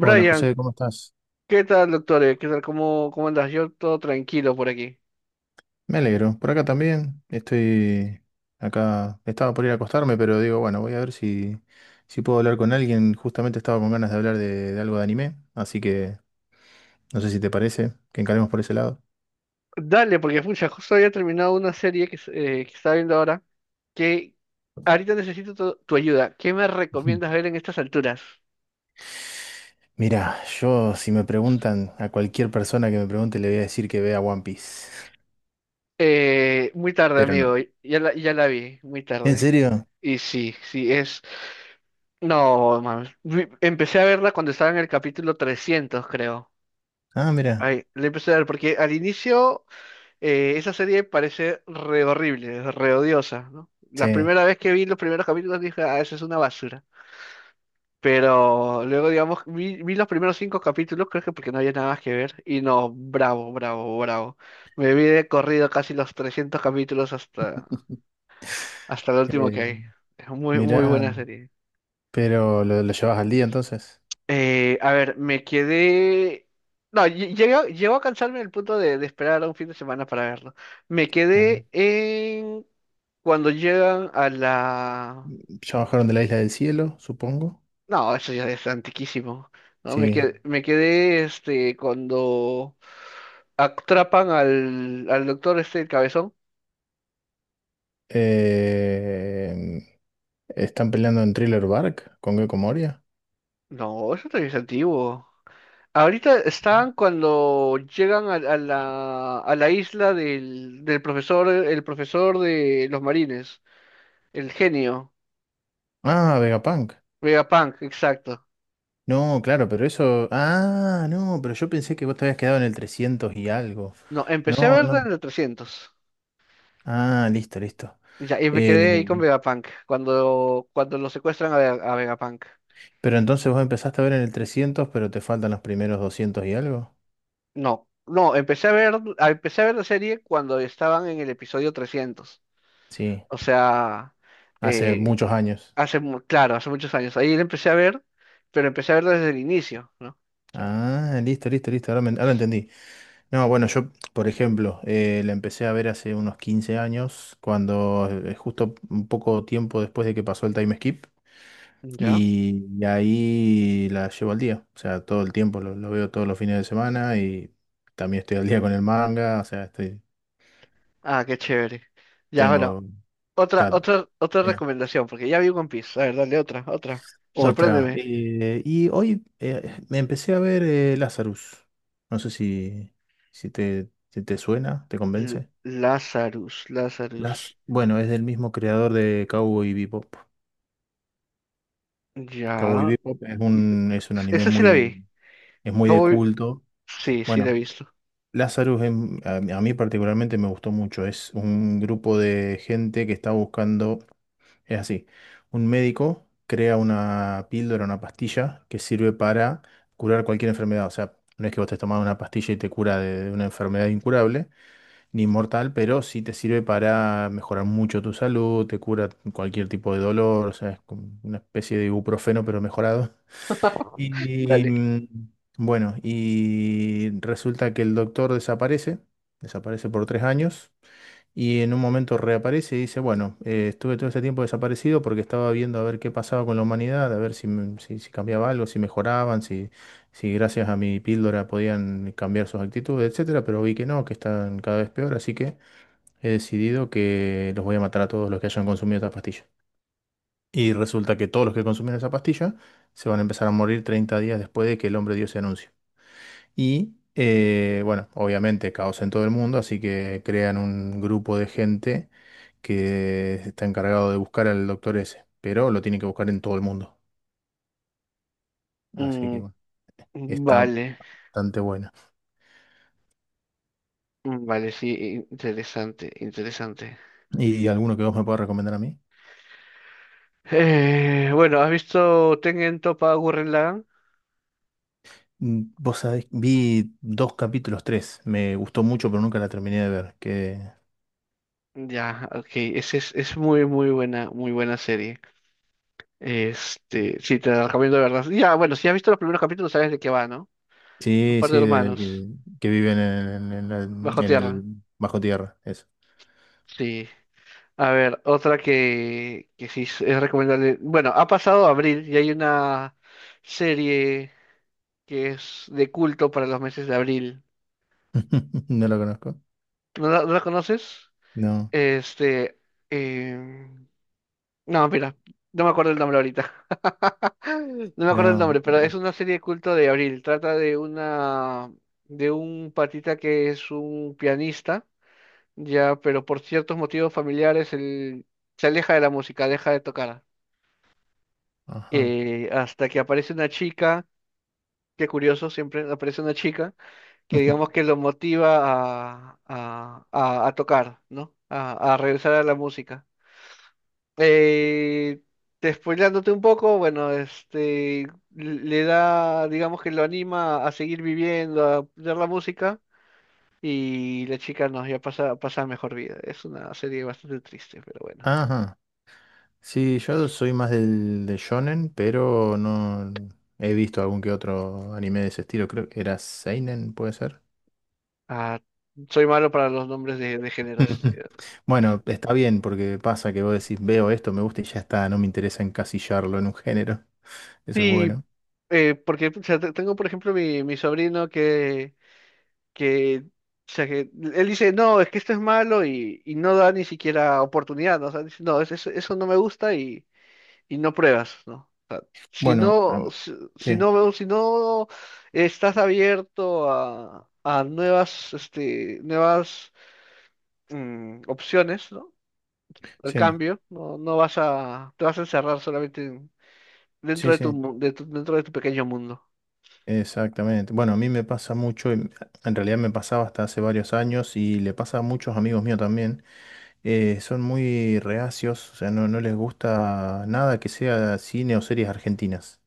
Hola José, ¿cómo estás? ¿qué tal, doctor? ¿Qué tal? ¿Cómo andas? Yo todo tranquilo por aquí. Me alegro. Por acá también. Estoy acá. Estaba por ir a acostarme, pero digo, bueno, voy a ver si, si puedo hablar con alguien. Justamente estaba con ganas de hablar de algo de anime, así que no sé si te parece que encaremos por ese lado. Dale, porque pucha, justo había terminado una serie que, que estaba viendo ahora, que ahorita necesito tu ayuda. ¿Qué me Ujú. recomiendas ver en estas alturas? Mira, yo si me preguntan a cualquier persona que me pregunte, le voy a decir que vea One Piece, Muy tarde, pero no. amigo. Ya la vi, muy ¿En tarde. serio? Y sí, sí, No, mames. Empecé a verla cuando estaba en el capítulo 300, creo. Ah, mira. Ay, le empecé a ver, porque al inicio. Esa serie parece re horrible, re odiosa, ¿no? La Sí. primera vez que vi los primeros capítulos dije, ah, eso es una basura. Pero luego, digamos, vi los primeros cinco capítulos, creo que porque no había nada más que ver. Y no, bravo, bravo, bravo. Me vi de corrido casi los 300 capítulos hasta el último Eh, que hay. Es muy, muy Mira, buena serie. pero lo llevas al día entonces. A ver, me quedé. No, lle- llego llegó a cansarme en el punto de esperar a un fin de semana para verlo. Me Ah, quedé en cuando llegan a la. ya bajaron de la Isla del Cielo, supongo. No, eso ya es antiquísimo. No, me Sí. quedé, me quedé este cuando atrapan al doctor este el cabezón. Eh, Están peleando en Thriller Bark con Gecko Moria? No, eso también es antiguo. Ahorita están cuando llegan a la isla del profesor, el profesor de los marines. El genio. Ah, Vegapunk. Vegapunk, exacto. No, claro, pero eso. Ah, no, pero yo pensé que vos te habías quedado en el 300 y algo. No, empecé a No, verla no. en el 300. Ah, listo, listo. Ya, y me Eh, quedé ahí con Vegapunk, cuando lo secuestran a Vegapunk. pero entonces vos empezaste a ver en el 300, pero te faltan los primeros 200 y algo. No, no, empecé a ver la serie cuando estaban en el episodio 300. Sí, O sea, hace eh, muchos años. Claro, hace muchos años. Ahí la empecé a ver, pero empecé a verla desde el inicio, ¿no? O sea, Ah, listo, listo, listo. Ahora, ahora entendí. No, bueno, yo, por ejemplo, la empecé a ver hace unos 15 años, cuando justo un poco tiempo después de que pasó el time skip, ya. y ahí la llevo al día, o sea, todo el tiempo, lo veo todos los fines de semana y también estoy al día con el manga, o sea, estoy, Ah, qué chévere. Ya, bueno, tengo otra, ta- otra, otra eh, recomendación, porque ya vi One Piece. A ver, dale otra. otra. Sorpréndeme. Y hoy me empecé a ver Lazarus, no sé si, si te suena, te convence. Lazarus, Las, Lazarus. bueno, es del mismo creador de Cowboy Bebop. Cowboy Ya. Bebop es es un anime Esa sí la muy, vi. es muy de Cowboy- culto. Sí, sí la he Bueno, visto. Lazarus a mí particularmente me gustó mucho. Es un grupo de gente que está buscando, es así, un médico crea una píldora, una pastilla que sirve para curar cualquier enfermedad. O sea, no es que vos te tomás una pastilla y te cura de una enfermedad incurable ni mortal, pero sí te sirve para mejorar mucho tu salud, te cura cualquier tipo de dolor, o sea, es como una especie de ibuprofeno pero mejorado. Y Dale. Bueno, y resulta que el doctor desaparece, desaparece por tres años, y en un momento reaparece y dice, bueno, estuve todo ese tiempo desaparecido porque estaba viendo a ver qué pasaba con la humanidad, a ver si, si, si cambiaba algo, si mejoraban, si, si gracias a mi píldora podían cambiar sus actitudes, etcétera, pero vi que no, que están cada vez peor, así que he decidido que los voy a matar a todos los que hayan consumido estas pastillas. Y resulta que todos los que consumen esa pastilla se van a empezar a morir 30 días después de que el hombre Dios se anuncie. Y bueno, obviamente caos en todo el mundo, así que crean un grupo de gente que está encargado de buscar al doctor ese, pero lo tienen que buscar en todo el mundo. Así que Mm, bueno, está vale. bastante buena. Mm, vale, sí, interesante, interesante. ¿Y alguno que vos me puedas recomendar a mí? Bueno, ¿has visto Tengen Toppa Gurren Lagann? Mm, vos sabés, vi dos capítulos, tres. Me gustó mucho, pero nunca la terminé de ver. ¿Qué, Ya, ok. Es muy, muy buena serie. Este, sí, te la recomiendo de verdad. Ya, bueno, si has visto los primeros capítulos, sabes de qué va, ¿no? Un sí, par de sí, hermanos, que viven en, en bajo en el tierra. bajo tierra, eso. Sí. A ver, otra que sí es recomendable. Bueno, ha pasado abril y hay una serie que es de culto para los meses de abril. No lo conozco. ¿No la conoces? No, Este, em, no, mira, no me acuerdo el nombre ahorita. No me acuerdo el no. nombre, pero es una serie de culto de abril. Trata de una, de un patita que es un pianista, ya, pero por ciertos motivos familiares él se aleja de la música, deja de tocar. Ajá. Hasta que aparece una chica, qué curioso, siempre aparece una chica que digamos que lo motiva a tocar, ¿no? A regresar a la música. Eh, spoileándote un poco, bueno, este, le da, digamos que lo anima a seguir viviendo, a ver la música. Y la chica no, ya pasa a mejor vida. Es una serie bastante triste, pero bueno. Ajá. Sí, yo soy más del, del shonen, pero no he visto algún que otro anime de ese estilo. Creo que era Seinen, puede ser. Ah, soy malo para los nombres de géneros. Bueno, está bien, porque pasa que vos decís, veo esto, me gusta y ya está, no me interesa encasillarlo en un género. Eso es Sí, bueno. porque pucha, tengo, por ejemplo, mi sobrino que, o sea, que él dice, no, es que esto es malo y no da ni siquiera oportunidad, ¿no? O sea, dice, no, eso no me gusta y no pruebas, ¿no? Si Bueno, no, si, si sí, no, veo- si no estás abierto a nuevas, este, nuevas opciones, ¿no? Al sí, cambio, no, no te vas a encerrar solamente sí, sí. Dentro de tu pequeño mundo. Exactamente. Bueno, a mí me pasa mucho, en realidad me pasaba hasta hace varios años y le pasa a muchos amigos míos también. Son muy reacios, o sea, no, no les gusta nada que sea cine o series argentinas.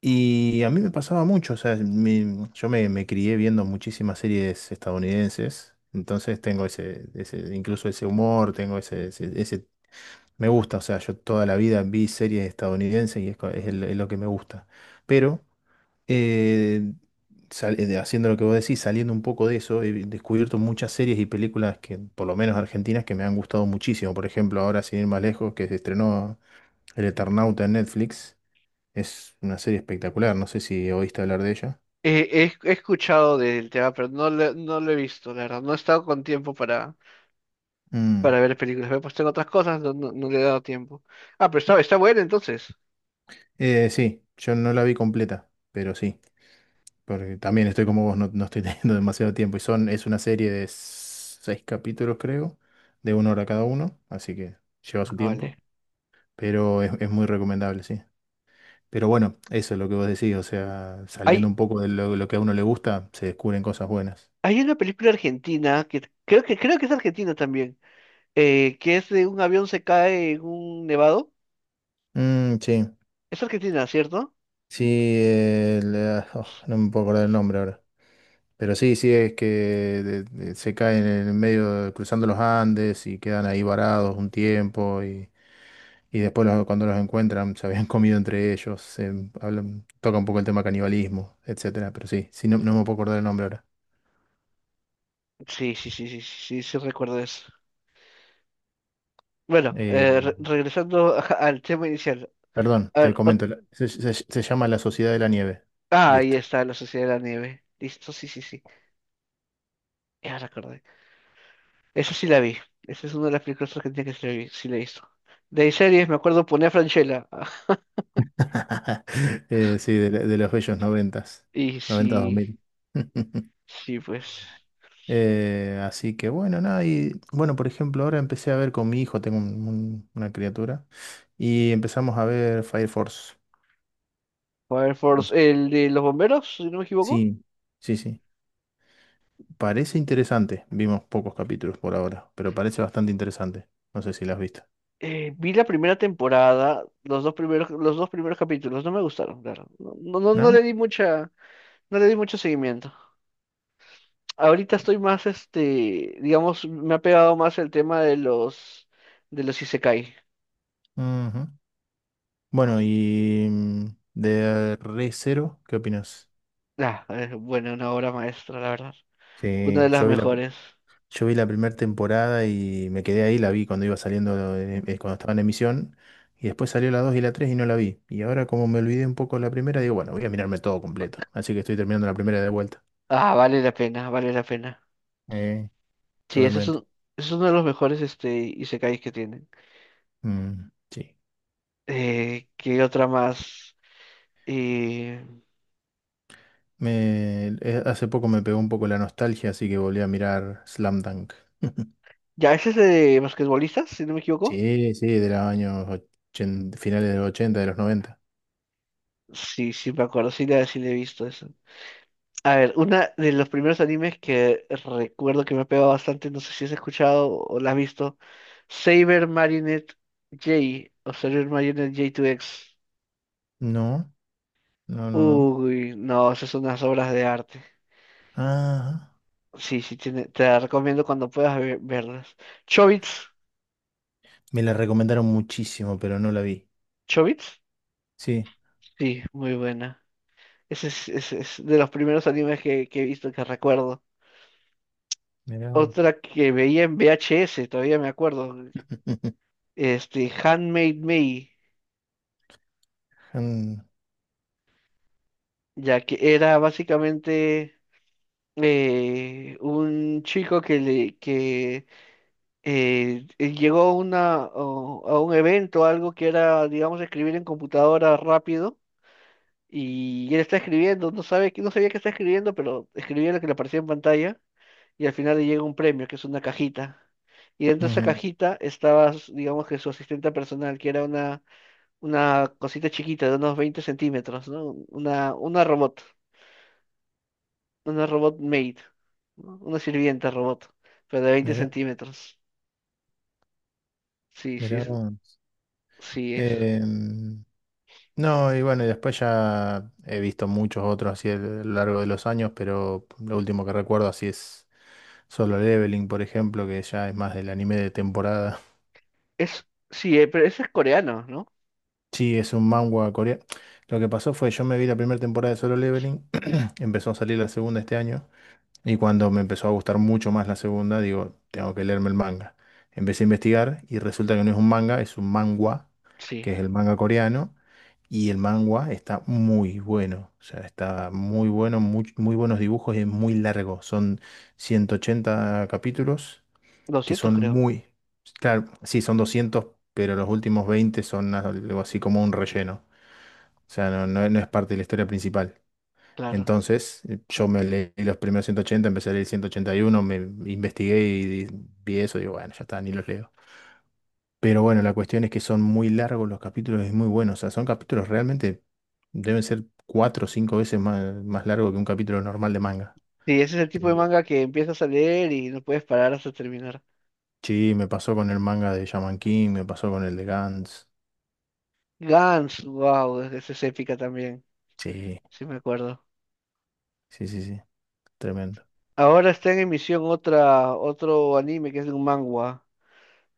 Y a mí me pasaba mucho, o sea, yo me, me crié viendo muchísimas series estadounidenses, entonces tengo ese, ese incluso ese humor, tengo ese, ese, me gusta, o sea, yo toda la vida vi series estadounidenses y es, es es lo que me gusta. Pero eh, haciendo lo que vos decís, saliendo un poco de eso, he descubierto muchas series y películas que, por lo menos argentinas, que me han gustado muchísimo. Por ejemplo, ahora sin ir más lejos, que se estrenó El Eternauta en Netflix. Es una serie espectacular, no sé si oíste hablar de ella. He escuchado del tema, pero no lo he visto, la verdad. No he estado con tiempo para, Mm. para ver películas. Me he puesto en otras cosas, no, no, no le he dado tiempo. Ah, pero está bueno entonces. Sí, yo no la vi completa, pero sí, porque también estoy como vos, no, no estoy teniendo demasiado tiempo. Y son, es una serie de seis capítulos, creo, de una hora cada uno, así que lleva Ah, su vale. tiempo, pero es muy recomendable, sí. Pero bueno, eso es lo que vos decís, o sea, saliendo Hay, un poco de lo que a uno le gusta, se descubren cosas buenas. hay una película argentina que creo que es argentina también, que es de un avión se cae en un nevado. Mm, sí, Es argentina, ¿cierto? sí, oh, no me puedo acordar el nombre ahora. Pero sí, sí, es que se caen en el medio, cruzando los Andes y quedan ahí varados un tiempo y después cuando los encuentran se habían comido entre ellos, se toca un poco el tema canibalismo, etcétera. Pero sí, sí, no, no me puedo acordar el nombre ahora. Sí, sí, sí, sí, sí, sí, sí recuerdo eso. Bueno, Eh, regresando al tema inicial. Perdón, A te ver, comento, se llama La Sociedad de la Nieve. ah, ahí Listo. está, la Sociedad de la Nieve. Listo, sí, sí, sí. Ya recordé. Eso sí la vi. Esa es una de las películas argentinas que sí la he visto. De ahí series, me acuerdo, ponía Franchella. Sí, de los bellos noventas, Y noventas dos sí, mil. sí, pues. Así que bueno, nada, y bueno, por ejemplo, ahora empecé a ver con mi hijo, tengo una criatura, y empezamos a ver Fire Force. Fire No Force, sé. el de los bomberos, si no me equivoco. Sí, sí, sí. Parece interesante, vimos pocos capítulos por ahora, pero parece bastante interesante. No sé si la has visto, Vi la primera temporada, los dos primeros capítulos, no me gustaron, claro. No, no, no le ¿no? di mucha, no le di mucho seguimiento. Ahorita estoy más, este, digamos, me ha pegado más el tema de los Isekai. Ujú. Ah, Bueno, sí. y mm, de Re Zero, ¿qué opinas? Ah, bueno, una obra maestra, la verdad. Una Sí, de las yo vi la, mejores. Yo vi la primera temporada y me quedé ahí, la vi cuando iba saliendo, cuando estaba en emisión, y después salió la 2 y la 3 y no la vi. Y ahora como me olvidé un poco de la primera, digo, bueno, voy a mirarme todo completo. Así que estoy terminando la primera de vuelta. Ah, vale la pena, vale la pena. Eh, Sí, totalmente. Ese es uno de los mejores este, isekais que tienen. Mm, sí. ¿Qué otra más? Eh, Hace poco me pegó un poco la nostalgia, así que volví a mirar Slam Dunk. ya, ese es de basquetbolistas, si no me equivoco. Sí, sí, de los años 80, finales de los 80, de los noventa. Sí, sí me acuerdo, sí le he visto eso. A ver, una de los primeros animes que recuerdo que me ha pegado bastante, no sé si has escuchado o la has visto, Saber Marinette J o Saber Marinette J2X. No, no, no, no. Uy, no, esas son unas obras de arte. Ah, Sí, sí, tiene, te la recomiendo cuando puedas verlas. Chobits, me la recomendaron muchísimo, pero no la vi. Chobits, Sí. sí, muy buena. Ese es de los primeros animes que he visto que recuerdo. Mirá. Otra que veía en VHS, todavía me acuerdo, este, Handmade May, Mm, ya que era básicamente un chico que le que llegó a una, a un evento, algo que era, digamos, escribir en computadora rápido. Y él está escribiendo, no sabía que está escribiendo, pero escribía lo que le aparecía en pantalla y al final le llega un premio, que es una cajita. Y dentro de esa ujú. cajita estaba, digamos que su asistente personal, que era una cosita chiquita de unos 20 centímetros, ¿no? Una robot, una robot maid, ¿no? Una sirvienta robot, pero de veinte Mirá, centímetros. Sí, sí, mirá vos. sí, es. Em, no, y bueno, y después ya he visto muchos otros así a lo largo de los años, pero lo último que recuerdo así es Solo Leveling, por ejemplo, que ya es más del anime de temporada. Es, sí, pero ese es coreano, ¿no? Sí, es un manga coreano. Lo que pasó fue, yo me vi la primera temporada de Solo Leveling, empezó a salir la segunda este año. Y cuando me empezó a gustar mucho más la segunda, digo, tengo que leerme el manga. Empecé a investigar y resulta que no es un manga, es un Mm, manhwa, sí, que es el manga coreano, y el manhwa está muy bueno, o sea, está muy bueno, muy, muy buenos dibujos y es muy largo. Son 180 capítulos que 200 son creo, muy, claro, sí, son 200, pero los últimos 20 son algo así como un relleno. O sea, no, no es parte de la historia principal. claro. Entonces, yo me leí los primeros 180, empecé a leer 181, me investigué y vi eso, digo, bueno, ya está, ni los leo. Pero bueno, la cuestión es que son muy largos los capítulos y muy buenos. O sea, son capítulos realmente, deben ser cuatro o cinco veces más, más largo que un capítulo normal de manga. Sí, ese es el tipo de Pero- manga que empiezas a leer y no puedes parar hasta terminar. Sí, me pasó con el manga de Shaman King, me pasó con el de Gantz. Gans, wow, esa es épica también, Sí, sí me acuerdo. sí, sí, sí, tremendo. Ahora está en emisión otra, otro anime que es de un manhwa,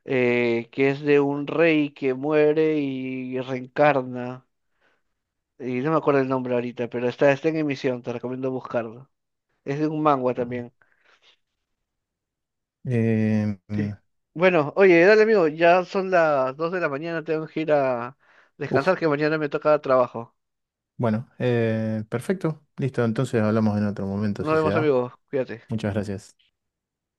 que es de un rey que muere y reencarna. Y no me acuerdo el nombre ahorita, pero está en emisión, te recomiendo buscarlo. Es de un manhwa Ah. también. Eh, Sí. mm, Bueno, oye, dale amigo, ya son las 2 de la mañana, tengo que ir a uf, descansar que mañana me toca trabajo. bueno, perfecto, listo, entonces hablamos en otro momento Nos si se vemos da. amigos, cuídate. Muchas gracias.